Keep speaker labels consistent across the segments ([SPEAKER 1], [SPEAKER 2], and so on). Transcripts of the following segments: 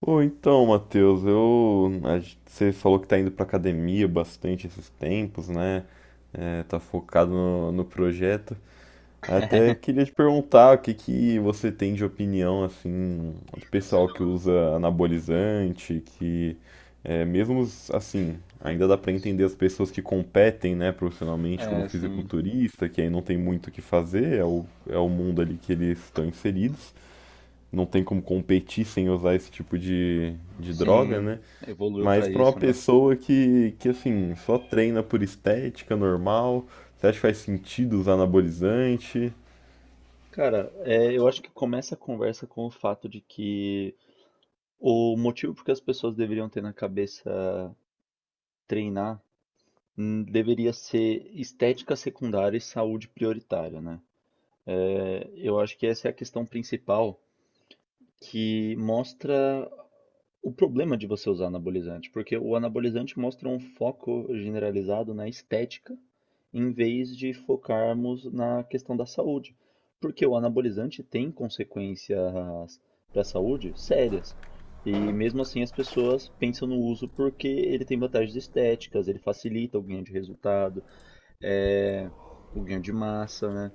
[SPEAKER 1] Ô, então, Matheus, você falou que tá indo pra academia bastante esses tempos, né? É, tá focado no projeto. Até queria te perguntar o que que você tem de opinião, assim, do pessoal que usa anabolizante, que é, mesmo, assim,
[SPEAKER 2] É,
[SPEAKER 1] ainda dá pra
[SPEAKER 2] putz.
[SPEAKER 1] entender as pessoas que competem, né, profissionalmente como
[SPEAKER 2] É, sim,
[SPEAKER 1] fisiculturista, que aí não tem muito o que fazer, é o mundo ali que eles estão inseridos, não tem como competir sem usar esse tipo de droga,
[SPEAKER 2] sim,
[SPEAKER 1] né?
[SPEAKER 2] evoluiu pra
[SPEAKER 1] Mas pra uma
[SPEAKER 2] isso, né?
[SPEAKER 1] pessoa que, assim, só treina por estética normal, você acha que faz sentido usar anabolizante?
[SPEAKER 2] Cara, eu acho que começa a conversa com o fato de que o motivo porque as pessoas deveriam ter na cabeça treinar deveria ser estética secundária e saúde prioritária, né? Eu acho que essa é a questão principal que mostra o problema de você usar anabolizante, porque o anabolizante mostra um foco generalizado na estética, em vez de focarmos na questão da saúde. Porque o anabolizante tem consequências para a saúde sérias. E mesmo assim as pessoas pensam no uso porque ele tem vantagens estéticas, ele facilita o ganho de resultado, eh, o ganho de massa, né?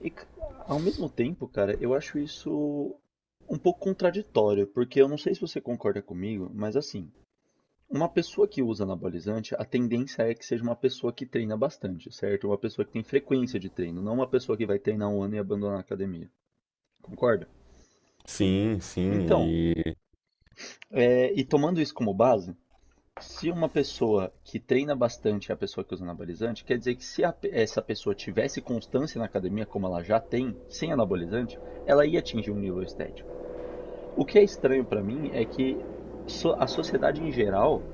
[SPEAKER 2] E, ca- Ao mesmo tempo, cara, eu acho isso um pouco contraditório, porque eu não sei se você concorda comigo, mas assim, uma pessoa que usa anabolizante, a tendência é que seja uma pessoa que treina bastante, certo? Uma pessoa que tem frequência de treino, não uma pessoa que vai treinar um ano e abandonar a academia. Concorda?
[SPEAKER 1] Sim, sim,
[SPEAKER 2] Então,
[SPEAKER 1] e.
[SPEAKER 2] e tomando isso como base, se uma pessoa que treina bastante é a pessoa que usa anabolizante, quer dizer que se a pe- essa pessoa tivesse constância na academia, como ela já tem, sem anabolizante, ela ia atingir um nível estético. O que é estranho pra mim é que a sociedade em geral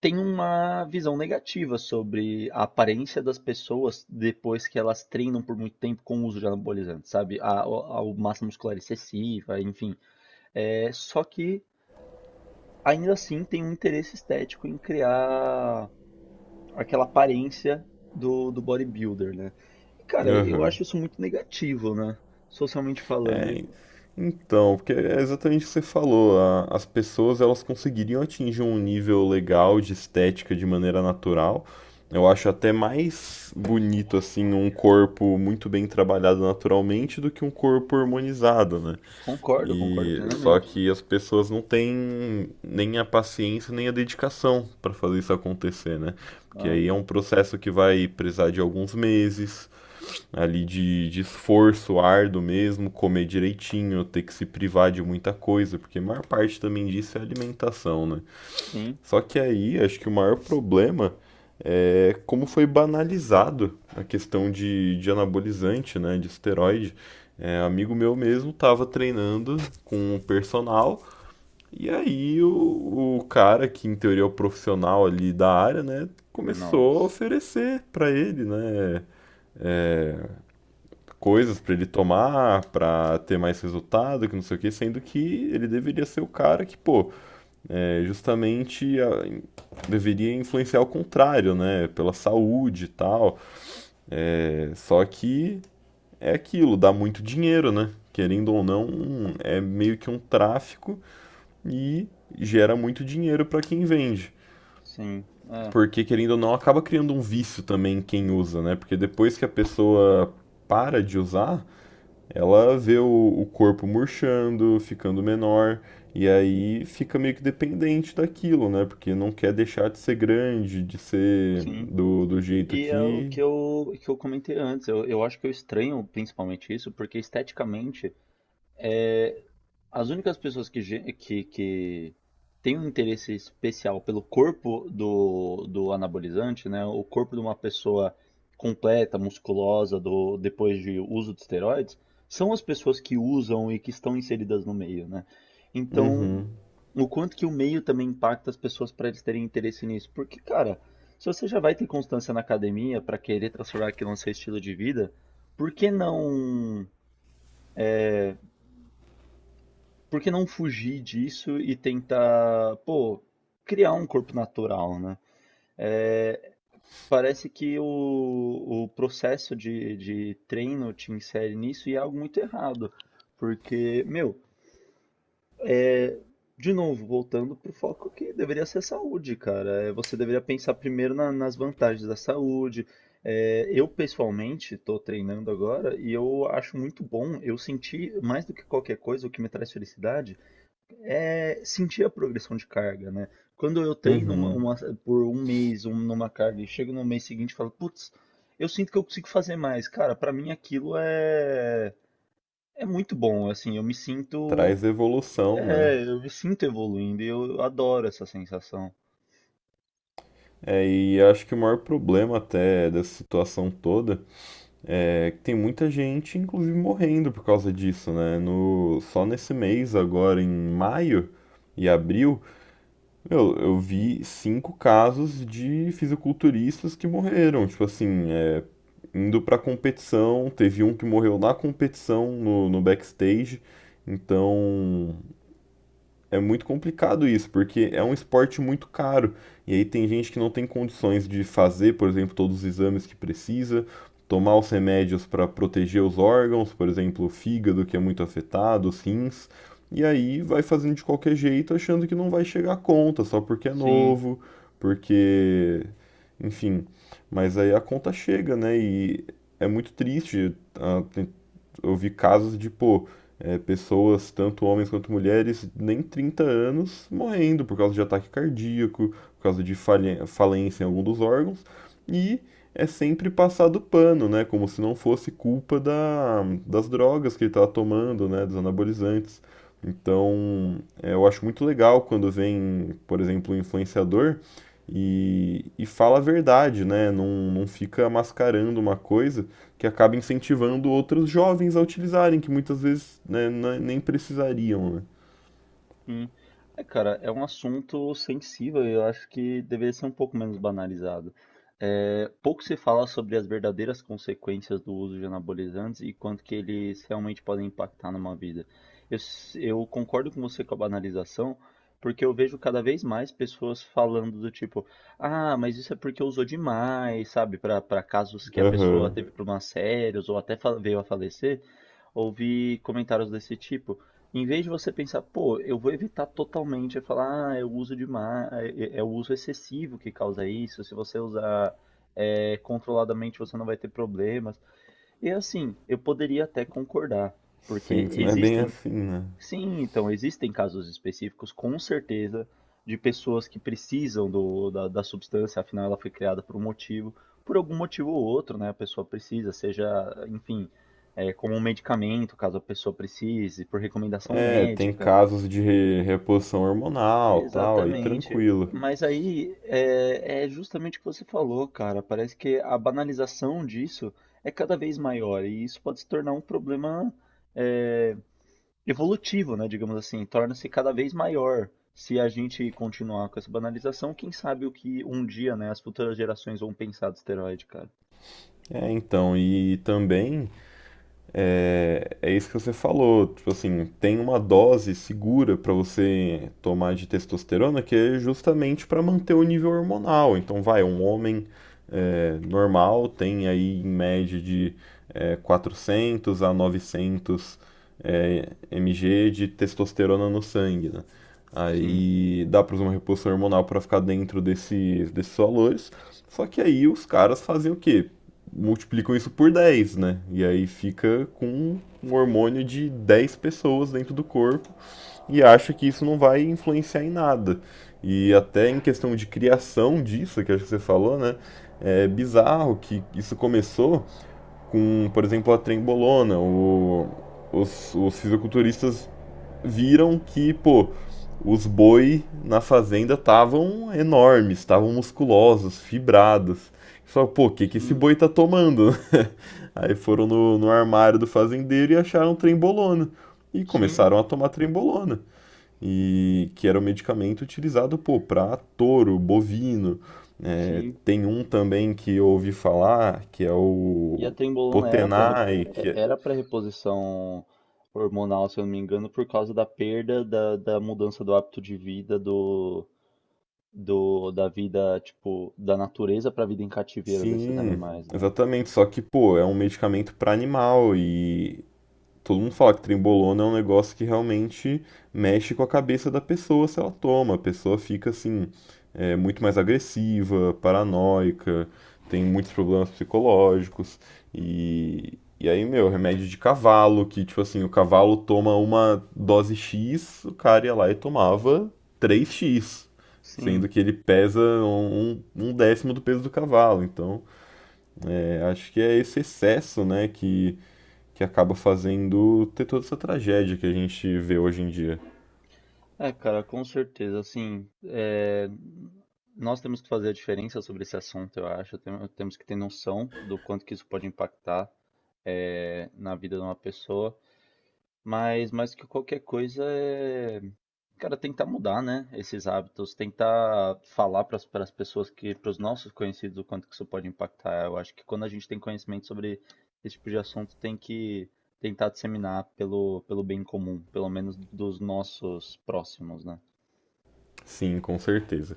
[SPEAKER 2] tem uma visão negativa sobre a aparência das pessoas depois que elas treinam por muito tempo com o uso de anabolizantes, sabe? A massa muscular excessiva, enfim. É, só que ainda assim tem um interesse estético em criar aquela aparência do bodybuilder, né? E, cara, eu
[SPEAKER 1] Aham.
[SPEAKER 2] acho isso muito negativo, né? Socialmente falando. E
[SPEAKER 1] É, então, porque é exatamente o que você falou, as pessoas elas conseguiriam atingir um nível legal de estética de maneira natural. Eu acho até mais bonito assim um corpo muito bem trabalhado naturalmente do que um corpo hormonizado, né?
[SPEAKER 2] concordo, concordo
[SPEAKER 1] E só
[SPEAKER 2] plenamente.
[SPEAKER 1] que as pessoas não têm nem a paciência, nem a dedicação para fazer isso acontecer, né? Porque
[SPEAKER 2] Ah,
[SPEAKER 1] aí é um processo que vai precisar de alguns meses ali de esforço árduo mesmo, comer direitinho, ter que se privar de muita coisa, porque a maior parte também disso é alimentação, né?
[SPEAKER 2] sim.
[SPEAKER 1] Só que aí, acho que o maior problema é como foi banalizado a questão de anabolizante, né, de esteroide. É, amigo meu mesmo estava treinando com o personal, e aí o cara, que em teoria é o profissional ali da área, né, começou a
[SPEAKER 2] Nossa.
[SPEAKER 1] oferecer para ele, né, coisas para ele tomar, para ter mais resultado, que não sei o que, sendo que ele deveria ser o cara que, pô, é, justamente deveria influenciar o contrário, né? Pela saúde e tal. É, só que é aquilo, dá muito dinheiro, né? Querendo ou não, é meio que um tráfico e gera muito dinheiro para quem vende.
[SPEAKER 2] Sim, é,
[SPEAKER 1] Porque, querendo ou não, acaba criando um vício também em quem usa, né? Porque depois que a pessoa para de usar, ela vê o, corpo murchando, ficando menor, e aí fica meio que dependente daquilo, né? Porque não quer deixar de ser grande, de ser
[SPEAKER 2] sim.
[SPEAKER 1] do jeito
[SPEAKER 2] E é o
[SPEAKER 1] que.
[SPEAKER 2] que eu comentei antes. Eu acho que eu estranho principalmente isso, porque esteticamente é, as únicas pessoas que, que têm um interesse especial pelo corpo do anabolizante, né? O corpo de uma pessoa completa, musculosa, do, depois de uso de esteroides, são as pessoas que usam e que estão inseridas no meio, né? Então,
[SPEAKER 1] Uhum,
[SPEAKER 2] o quanto que o meio também impacta as pessoas para eles terem interesse nisso. Porque, cara, se você já vai ter constância na academia para querer transformar aquilo no seu estilo de vida, por que não por que não fugir disso e tentar, pô, criar um corpo natural, né? É, parece que o processo de treino te insere nisso e é algo muito errado. Porque, meu, de novo, voltando pro foco que deveria ser saúde, cara. É, você deveria pensar primeiro nas vantagens da saúde. É, eu, pessoalmente, estou treinando agora e eu acho muito bom. Eu senti, mais do que qualquer coisa, o que me traz felicidade é sentir a progressão de carga, né? Quando eu treino
[SPEAKER 1] uhum.
[SPEAKER 2] por um mês um, numa carga e chego no mês seguinte e falo, putz, eu sinto que eu consigo fazer mais. Cara, pra mim aquilo é, é muito bom, assim, eu me sinto,
[SPEAKER 1] Traz evolução, né?
[SPEAKER 2] é, eu me sinto evoluindo e eu adoro essa sensação.
[SPEAKER 1] É, e acho que o maior problema até dessa situação toda é que tem muita gente, inclusive, morrendo por causa disso, né? No, só nesse mês, agora em maio e abril, meu, eu vi cinco casos de fisiculturistas que morreram, tipo assim, é, indo pra competição. Teve um que morreu na competição, no backstage. Então, é muito complicado isso, porque é um esporte muito caro. E aí tem gente que não tem condições de fazer, por exemplo, todos os exames que precisa, tomar os remédios para proteger os órgãos, por exemplo, o fígado que é muito afetado, os rins, e aí vai fazendo de qualquer jeito, achando que não vai chegar a conta, só porque é
[SPEAKER 2] Sim.
[SPEAKER 1] novo, porque, enfim, mas aí a conta chega, né? E é muito triste, ah, tem, eu vi casos de, pô, é, pessoas, tanto homens quanto mulheres, nem 30 anos, morrendo por causa de ataque cardíaco, por causa de falência em algum dos órgãos, e é sempre passado pano, né? Como se não fosse culpa das drogas que ele estava tomando, né? Dos anabolizantes. Então, é, eu acho muito legal quando vem, por exemplo, um influenciador e fala a verdade, né? Não, não fica mascarando uma coisa que acaba incentivando outros jovens a utilizarem, que muitas vezes, né, nem precisariam, né?
[SPEAKER 2] Hum. É, cara, é um assunto sensível e eu acho que deveria ser um pouco menos banalizado. É, pouco se fala sobre as verdadeiras consequências do uso de anabolizantes e quanto que eles realmente podem impactar numa vida. Eu concordo com você com a banalização, porque eu vejo cada vez mais pessoas falando do tipo, ah, mas isso é porque usou demais, sabe? Para casos que a pessoa Uhum.
[SPEAKER 1] Aham.
[SPEAKER 2] teve Uhum. problemas sérios ou veio a falecer ouvir comentários desse tipo. Em vez de você pensar, pô, eu vou evitar totalmente, é falar, ah, é o uso demais, é é o uso excessivo que causa isso, se você usar é, controladamente você não vai ter problemas. E assim, eu poderia até concordar, porque
[SPEAKER 1] Sendo que não é bem
[SPEAKER 2] existem
[SPEAKER 1] assim, né?
[SPEAKER 2] sim, então existem casos específicos, com certeza, de pessoas que precisam da substância, afinal ela foi criada por um motivo, por algum motivo ou outro, né? A pessoa precisa, seja, enfim, é, como um medicamento, caso a pessoa precise, por recomendação
[SPEAKER 1] É, tem
[SPEAKER 2] médica.
[SPEAKER 1] casos de reposição hormonal, tal, aí
[SPEAKER 2] Exatamente.
[SPEAKER 1] tranquilo.
[SPEAKER 2] Mas aí é, é justamente o que você falou, cara. Parece que a banalização disso é cada vez maior e isso pode se tornar um problema é, evolutivo, né, digamos assim, torna-se cada vez maior. Se a gente continuar com essa banalização, quem sabe o que um dia, né, as futuras gerações vão pensar do esteroide, cara.
[SPEAKER 1] É, então, e também é, é isso que você falou, tipo assim, tem uma dose segura para você tomar de testosterona que é justamente para manter o nível hormonal. Então, vai, um homem é, normal tem aí em média de 400 a 900 mg de testosterona no sangue, né?
[SPEAKER 2] Sim,
[SPEAKER 1] Aí dá para usar uma reposição hormonal para ficar dentro desses valores. Só que aí os caras fazem o quê? Multiplicam isso por 10, né? E aí fica com um hormônio de 10 pessoas dentro do corpo e acha que isso não vai influenciar em nada. E até em questão de criação disso, que acho que você falou, né? É bizarro que isso começou com, por exemplo, a trembolona. Os fisiculturistas viram que, pô, os boi na fazenda estavam enormes, estavam musculosos, fibrados. Só, pô, o que, que esse
[SPEAKER 2] sim,
[SPEAKER 1] boi tá tomando? Aí foram no, armário do fazendeiro e acharam trembolona. E
[SPEAKER 2] sim,
[SPEAKER 1] começaram a tomar trembolona e que era um medicamento utilizado, pô, para touro, bovino. É,
[SPEAKER 2] sim.
[SPEAKER 1] tem um também que eu ouvi falar, que é
[SPEAKER 2] E a
[SPEAKER 1] o
[SPEAKER 2] trembolona era para
[SPEAKER 1] Potenai, que é...
[SPEAKER 2] era para reposição hormonal, se eu não me engano, por causa da perda da, da mudança do hábito de vida do, da vida, tipo, da natureza para a vida em cativeiro desses
[SPEAKER 1] Sim,
[SPEAKER 2] animais, né?
[SPEAKER 1] exatamente, só que, pô, é um medicamento para animal e todo mundo fala que trembolona é um negócio que realmente mexe com a cabeça da pessoa se ela toma. A pessoa fica assim, é, muito mais agressiva, paranoica, tem muitos problemas psicológicos. E aí, meu, remédio de cavalo, que tipo assim, o cavalo toma uma dose X, o cara ia lá e tomava 3x.
[SPEAKER 2] Sim.
[SPEAKER 1] Sendo que ele pesa um, um décimo do peso do cavalo. Então, é, acho que é esse excesso, né, que acaba fazendo ter toda essa tragédia que a gente vê hoje em dia.
[SPEAKER 2] É, cara, com certeza. Assim, é, nós temos que fazer a diferença sobre esse assunto, eu acho. Temos que ter noção do quanto que isso pode impactar, é, na vida de uma pessoa. Mas mais que qualquer coisa, é, cara, tentar mudar, né, esses hábitos, tentar falar para as pessoas que, para os nossos conhecidos, o quanto que isso pode impactar. Eu acho que quando a gente tem conhecimento sobre esse tipo de assunto, tem que tentar disseminar pelo bem comum, pelo menos dos nossos próximos, né?
[SPEAKER 1] Sim, com certeza.